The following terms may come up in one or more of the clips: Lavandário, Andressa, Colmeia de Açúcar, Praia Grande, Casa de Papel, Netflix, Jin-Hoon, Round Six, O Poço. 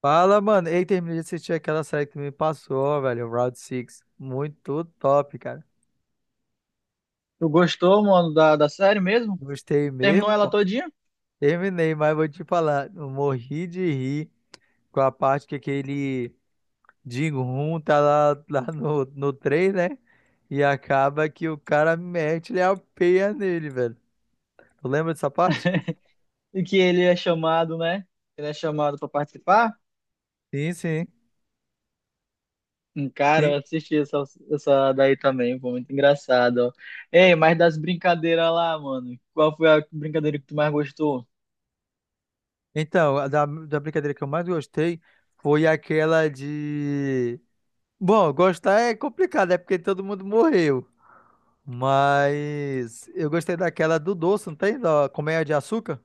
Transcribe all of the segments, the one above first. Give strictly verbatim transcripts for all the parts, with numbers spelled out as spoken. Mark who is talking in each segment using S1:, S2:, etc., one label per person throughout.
S1: Fala, mano. Ei, terminei de assistir aquela série que tu me passou, velho. Round Six. Muito top, cara.
S2: Tu gostou, mano, da, da série mesmo?
S1: Gostei
S2: Terminou
S1: mesmo,
S2: ela
S1: pô.
S2: todinha?
S1: Terminei, mas vou te falar, eu morri de rir com a parte que aquele Jin-Hoon tá lá, lá no, no trem, né? E acaba que o cara mete-lhe a peia nele, velho. Tu lembra dessa parte?
S2: E que ele é chamado, né? Ele é chamado pra participar?
S1: Sim, sim.
S2: Hum, Cara,
S1: Sim.
S2: eu assisti essa, essa daí também, foi muito engraçado, ó. Ei, mas das brincadeiras lá, mano, qual foi a brincadeira que tu mais gostou?
S1: Então, a da, da brincadeira que eu mais gostei foi aquela de. Bom, gostar é complicado, é porque todo mundo morreu. Mas eu gostei daquela do doce, não tem? Da Colmeia de Açúcar?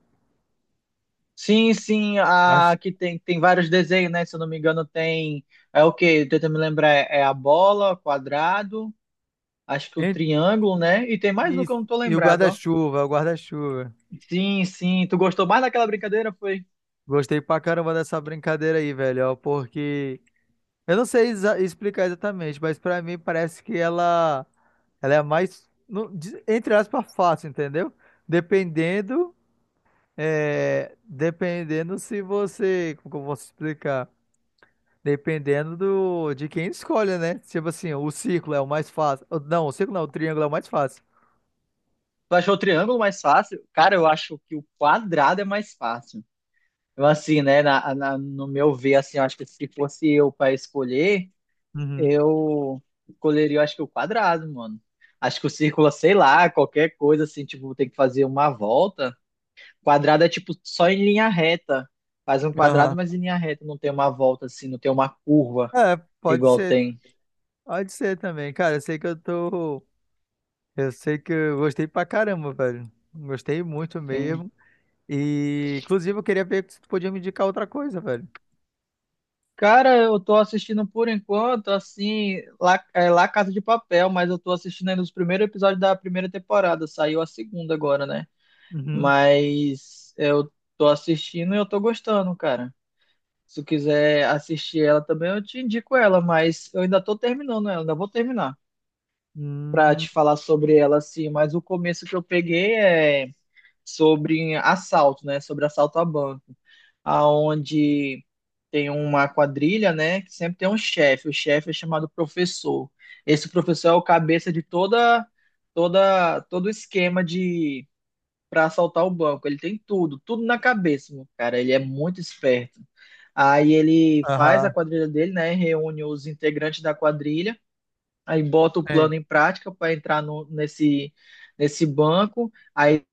S2: Sim, sim, a
S1: Acho-
S2: que tem, tem vários desenhos, né? Se eu não me engano, tem. É o quê? Tenta me lembrar, é é a bola, quadrado, acho que o
S1: E,
S2: triângulo, né? E tem mais um
S1: e-
S2: que eu não tô
S1: e o
S2: lembrado, ó.
S1: guarda-chuva, o guarda-chuva.
S2: Sim, sim. Tu gostou mais daquela brincadeira? Foi?
S1: Gostei pra caramba dessa brincadeira aí, velho, ó, porque eu não sei exa- explicar exatamente, mas pra mim parece que ela ela é mais no- de- entre aspas fácil, entendeu? Dependendo é, dependendo se você, como que eu posso explicar? Dependendo do, de quem escolhe, né? Tipo assim, o círculo é o mais fácil. Ou não, o círculo não, o triângulo é o mais fácil.
S2: Tu achou o triângulo mais fácil? Cara, eu acho que o quadrado é mais fácil. Eu, assim, né, na, na- no meu ver, assim, eu acho que se fosse eu para escolher,
S1: Uhum.
S2: eu escolheria, eu acho que o quadrado, mano. Acho que o círculo, sei lá, qualquer coisa, assim, tipo, tem que fazer uma volta. Quadrado é, tipo, só em linha reta. Faz um quadrado,
S1: Aham.
S2: mas em linha reta, não tem uma volta, assim, não tem uma curva
S1: É, pode
S2: igual
S1: ser,
S2: tem.
S1: pode ser também. Cara, eu sei que eu tô. Eu sei que eu gostei pra caramba, velho. Gostei muito
S2: Tem-
S1: mesmo. E, inclusive, eu queria ver se tu podia me indicar outra coisa, velho.
S2: Cara, eu tô assistindo por enquanto, assim, lá, é, lá Casa de Papel, mas eu tô assistindo ainda os primeiros episódios da primeira temporada. Saiu a segunda agora, né?
S1: Uhum.
S2: Mas eu tô assistindo e eu tô gostando, cara. Se tu quiser assistir ela também, eu te indico ela, mas eu ainda tô terminando ela, ainda vou terminar pra
S1: Hum.
S2: te falar sobre ela, assim. Mas o começo que eu peguei é sobre assalto, né? Sobre assalto a banco, aonde tem uma quadrilha, né? Que sempre tem um chefe. O chefe é chamado professor. Esse professor é o cabeça de toda, toda, todo o esquema de para assaltar o banco. Ele tem tudo, tudo na cabeça, meu cara. Ele é muito esperto. Aí ele faz a
S1: Aham.
S2: quadrilha dele, né? Reúne os integrantes da quadrilha, aí bota o
S1: É.
S2: plano em prática para entrar no, nesse, nesse banco. Aí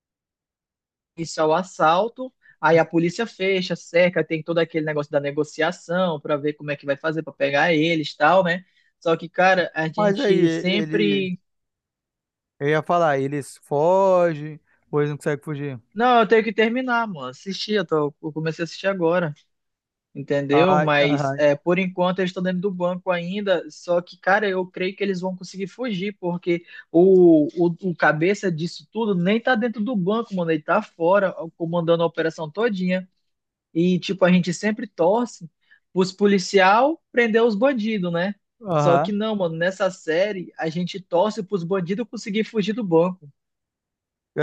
S2: iniciar o assalto, aí a polícia fecha, cerca, tem todo aquele negócio da negociação para ver como é que vai fazer para pegar eles, e tal, né? Só que, cara, a
S1: Mas aí,
S2: gente
S1: ele.
S2: sempre
S1: Eu ia falar, eles fogem, ou eles não conseguem fugir.
S2: não, eu tenho que terminar, mano. Assisti, eu, tô, eu comecei a assistir agora, entendeu?
S1: Ai,
S2: Mas
S1: aham,
S2: é, por enquanto eles estão dentro do banco ainda. Só que, cara, eu creio que eles vão conseguir fugir, porque o, o, o cabeça disso tudo nem tá dentro do banco, mano. Ele tá fora, comandando a operação todinha. E, tipo, a gente sempre torce os policial prender os bandidos, né? Só
S1: aham.
S2: que não, mano, nessa série a gente torce pros bandidos conseguir fugir do banco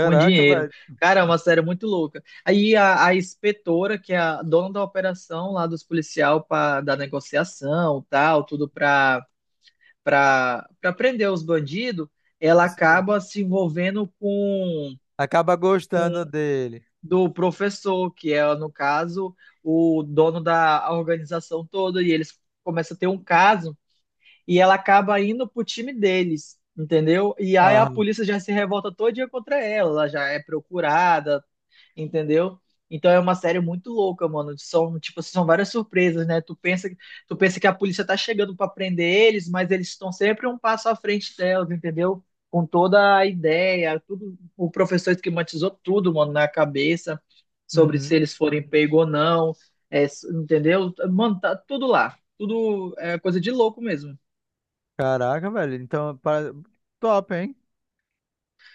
S2: com dinheiro.
S1: velho.
S2: Cara, é uma série muito louca. Aí a, a inspetora, que é a dona da operação lá dos policial pra, da negociação, tal, tudo pra, pra, pra prender os bandidos, ela
S1: Assim,
S2: acaba se envolvendo com
S1: acaba gostando dele.
S2: do professor, que é, no caso, o dono da organização toda, e eles começam a ter um caso, e ela acaba indo pro time deles, entendeu? E aí a
S1: Aham.
S2: polícia já se revolta todo dia contra ela, ela já é procurada, entendeu? Então é uma série muito louca, mano. São, tipo, assim, são várias surpresas, né? Tu pensa, tu pensa que a polícia tá chegando pra prender eles, mas eles estão sempre um passo à frente delas, entendeu? Com toda a ideia, tudo, o professor esquematizou tudo, mano, na cabeça sobre se
S1: Uhum.
S2: eles forem pegos ou não, é, s- entendeu? Mano, tá tudo lá. Tudo é coisa de louco mesmo.
S1: Caraca, velho. Então, para top, hein?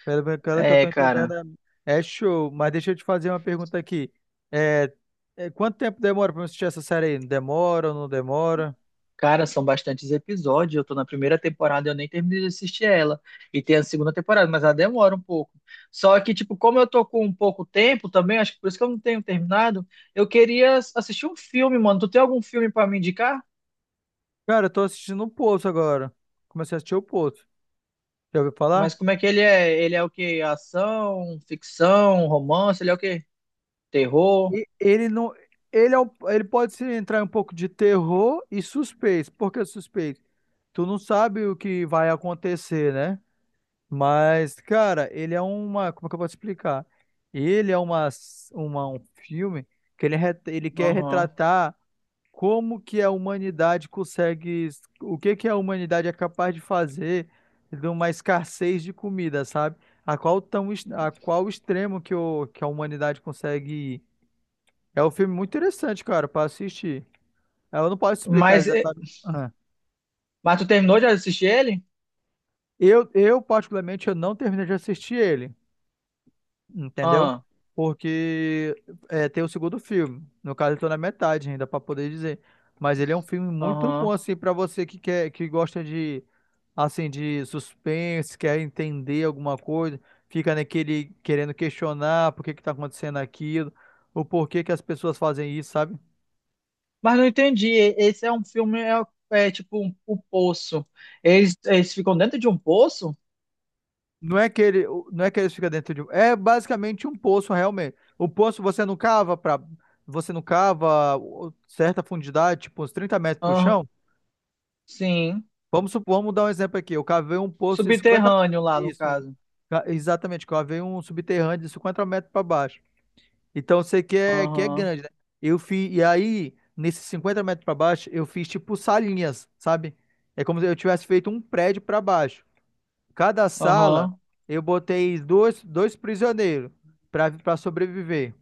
S1: Pelo pelo que eu tô
S2: É,
S1: entendendo,
S2: cara.
S1: é é show. Mas deixa eu te fazer uma pergunta aqui. É... é, Quanto tempo demora pra eu assistir essa série aí? Demora ou não demora?
S2: Cara, são bastantes episódios. Eu tô na primeira temporada, eu nem terminei de assistir ela. E tem a segunda temporada, mas ela demora um pouco. Só que, tipo, como eu tô com um pouco tempo também, acho que por isso que eu não tenho terminado, eu queria ass- assistir um filme, mano. Tu tem algum filme pra me indicar?
S1: Cara, eu tô assistindo o Poço agora. Comecei a assistir o Poço. Já ouviu falar?
S2: Mas como é que ele é? Ele é o quê? Ação, ficção, romance? Ele é o quê? Terror?
S1: E ele não. Ele, é um- ele pode se entrar em um pouco de terror e suspense. Por que suspense? Tu não sabe o que vai acontecer, né? Mas, cara, ele é uma. Como é que eu vou te explicar? Ele é uma, uma, um filme que ele, re- ele quer
S2: Aham.
S1: retratar como que a humanidade consegue. O que que a humanidade é capaz de fazer de uma escassez de comida, sabe? A qual, tão, est- a qual extremo que, o, que a humanidade consegue ir. É um filme muito interessante, cara, pra assistir. Eu não posso explicar
S2: Mas, é-
S1: exatamente. Ah.
S2: mas tu terminou de assistir ele?
S1: Eu, eu, particularmente, eu não terminei de assistir ele, entendeu?
S2: Ah,
S1: Porque é, tem o segundo filme. No caso, eu tô na metade ainda pra poder dizer. Mas ele é um filme muito bom,
S2: aham.
S1: assim, pra você que quer, que gosta de, assim, de suspense, quer entender alguma coisa, fica naquele querendo questionar por que que tá acontecendo aquilo, o porquê que as pessoas fazem isso, sabe?
S2: Mas não entendi. e- Esse é um filme, é, é tipo um, o poço. Eles, eles ficam dentro de um poço?
S1: Não é que ele, não é que ele fica dentro de, um- é basicamente um poço realmente. O poço você não cava para, você não cava o- certa fundidade, tipo uns trinta metros pro
S2: Aham,
S1: chão.
S2: sim.
S1: Vamos supor, vamos dar um exemplo aqui. Eu cavei um poço de cinquenta.
S2: Subterrâneo lá, no
S1: Isso. Um
S2: caso.
S1: Ca- exatamente, cavei um subterrâneo de cinquenta metros para baixo. Então eu sei que é, que é
S2: Aham,
S1: grande, né? Eu fiz, e aí, nesses cinquenta metros para baixo, eu fiz tipo salinhas, sabe? É como se eu tivesse feito um prédio para baixo. Cada sala,
S2: aham.
S1: eu botei dois, dois prisioneiros para para sobreviver.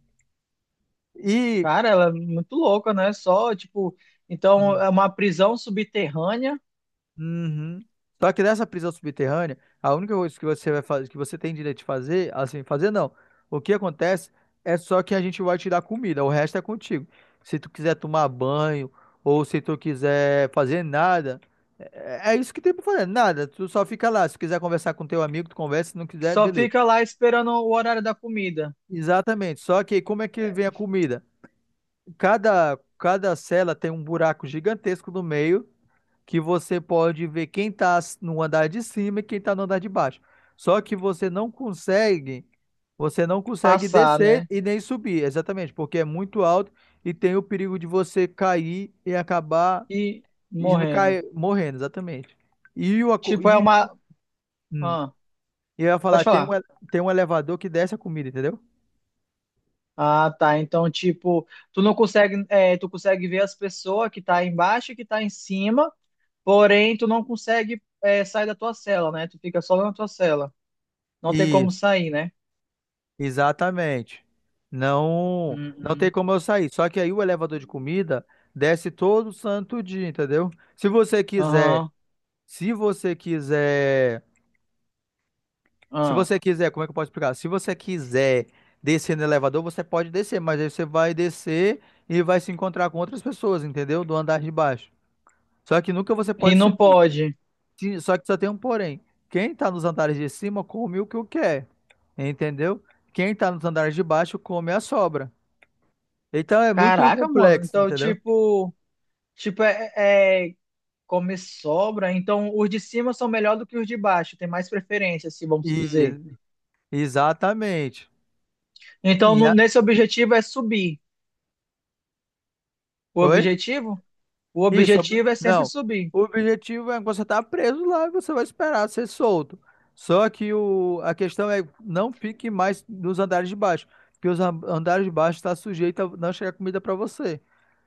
S1: E.
S2: Cara, ela é muito louca, né? Só, tipo, então é uma prisão subterrânea,
S1: Uhum. Só que nessa prisão subterrânea, a única coisa que você vai fazer, que você tem direito de fazer, assim, fazer não. O que acontece é só que a gente vai te dar comida, o resto é contigo. Se tu quiser tomar banho ou se tu quiser fazer nada, é, é isso que tem pra fazer, nada. Tu só fica lá. Se quiser conversar com teu amigo, tu conversa, se não quiser,
S2: só
S1: beleza.
S2: fica lá esperando o horário da comida
S1: Exatamente. Só que como é que vem a comida? Cada cada cela tem um buraco gigantesco no meio que você pode ver quem está no andar de cima e quem está no andar de baixo. Só que você não consegue, você não consegue
S2: passar,
S1: descer
S2: né?
S1: e nem subir, exatamente, porque é muito alto e tem o perigo de você cair e acabar
S2: E
S1: e não
S2: morrendo.
S1: cair, morrendo, exatamente. E, o, aco-
S2: Tipo, é
S1: e,
S2: uma.
S1: hum,
S2: Ah,
S1: e eu ia
S2: pode
S1: falar, tem um,
S2: falar.
S1: ele- tem um elevador que desce a comida, entendeu?
S2: Ah, tá. Então, tipo, tu não consegue, é, tu consegue ver as pessoas que tá embaixo e que tá em cima, porém tu não consegue, é, sair da tua cela, né? Tu fica só na tua cela. Não tem como sair, né?
S1: Exatamente. Não, não tem
S2: Uhum.
S1: como eu sair. Só que aí o elevador de comida desce todo santo dia, entendeu? Se você quiser,
S2: Aham.
S1: se você quiser, se
S2: Ah.
S1: você quiser, como é que eu posso explicar? Se você quiser descer no elevador, você pode descer, mas aí você vai descer e vai se encontrar com outras pessoas, entendeu? Do andar de baixo. Só que nunca você
S2: E
S1: pode
S2: não
S1: subir.
S2: pode.
S1: Se- Só que só tem um porém. Quem tá nos andares de cima come o que eu quer, entendeu? Quem tá nos andares de baixo come a sobra. Então é muito
S2: Caraca, mano.
S1: complexo,
S2: Então,
S1: entendeu?
S2: tipo, tipo é, é come sobra. Então, os de cima são melhor do que os de baixo. Tem mais preferência, assim, vamos dizer.
S1: E exatamente.
S2: Então,
S1: E
S2: no-
S1: a-
S2: nesse objetivo é subir. O
S1: Oi?
S2: objetivo? O
S1: Isso. Ob-
S2: objetivo é sempre
S1: Não.
S2: subir.
S1: O objetivo é que você tá preso lá e você vai esperar ser solto. Só que o... a questão é não fique mais nos andares de baixo, porque os an- andares de baixo está sujeito a não chegar comida para você.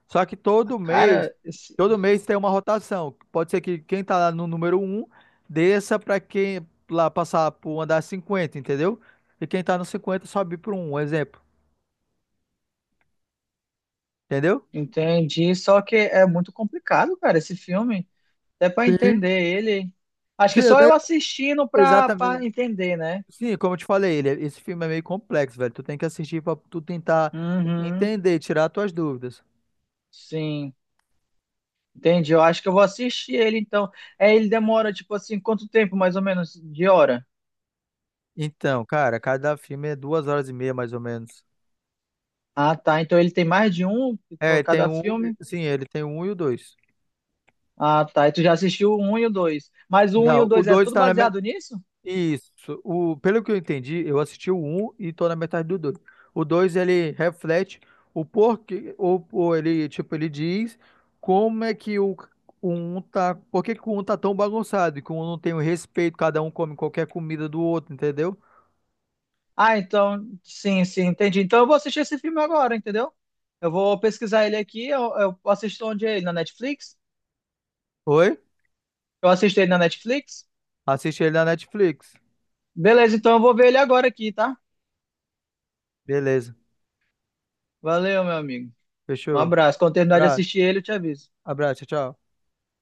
S1: Só que todo mês,
S2: Cara, esse-
S1: todo mês tem uma rotação. Pode ser que quem tá lá no número um desça para quem lá passar pro andar cinquenta, entendeu? E quem tá no cinquenta sobe para um, um exemplo. Entendeu?
S2: entendi, só que é muito complicado, cara, esse filme. Até pra
S1: Sim,
S2: entender ele. Acho
S1: sim,
S2: que
S1: é
S2: só eu
S1: meio.
S2: assistindo pra,
S1: Exatamente.
S2: pra entender, né?
S1: Sim, como eu te falei, ele, é- esse filme é meio complexo, velho. Tu tem que assistir pra tu tentar
S2: Uhum,
S1: entender, tirar tuas dúvidas.
S2: sim. Entendi. Eu acho que eu vou assistir ele, então. É, ele demora, tipo assim, quanto tempo, mais ou menos, de hora?
S1: Então, cara, cada filme é duas horas e meia, mais ou menos.
S2: Ah, tá. Então ele tem mais de um
S1: É,
S2: por
S1: tem
S2: cada
S1: um.
S2: filme?
S1: Sim, ele tem um e o dois.
S2: Ah, tá. E tu já assistiu o um e o dois. Mas o um e o
S1: Não, o
S2: dois é
S1: dois
S2: tudo
S1: tá na.
S2: baseado nisso?
S1: Isso. O, pelo que eu entendi, eu assisti o um e tô na metade do dois. O dois ele reflete o porquê, ou, ou ele, tipo, ele diz como é que o, o um tá, por que que o um tá tão bagunçado e que o um não tem o respeito, cada um come qualquer comida do outro, entendeu?
S2: Ah, então, sim, sim, entendi. Então eu vou assistir esse filme agora, entendeu? Eu vou pesquisar ele aqui, eu, eu assisto onde é ele? Na Netflix?
S1: Oi?
S2: Eu assisto ele na Netflix?
S1: Assiste ele na Netflix.
S2: Beleza, então eu vou ver ele agora aqui, tá?
S1: Beleza.
S2: Valeu, meu amigo. Um
S1: Fechou.
S2: abraço. Quando terminar de
S1: Abra-
S2: assistir ele, eu te aviso.
S1: Abraço, tchau, tchau.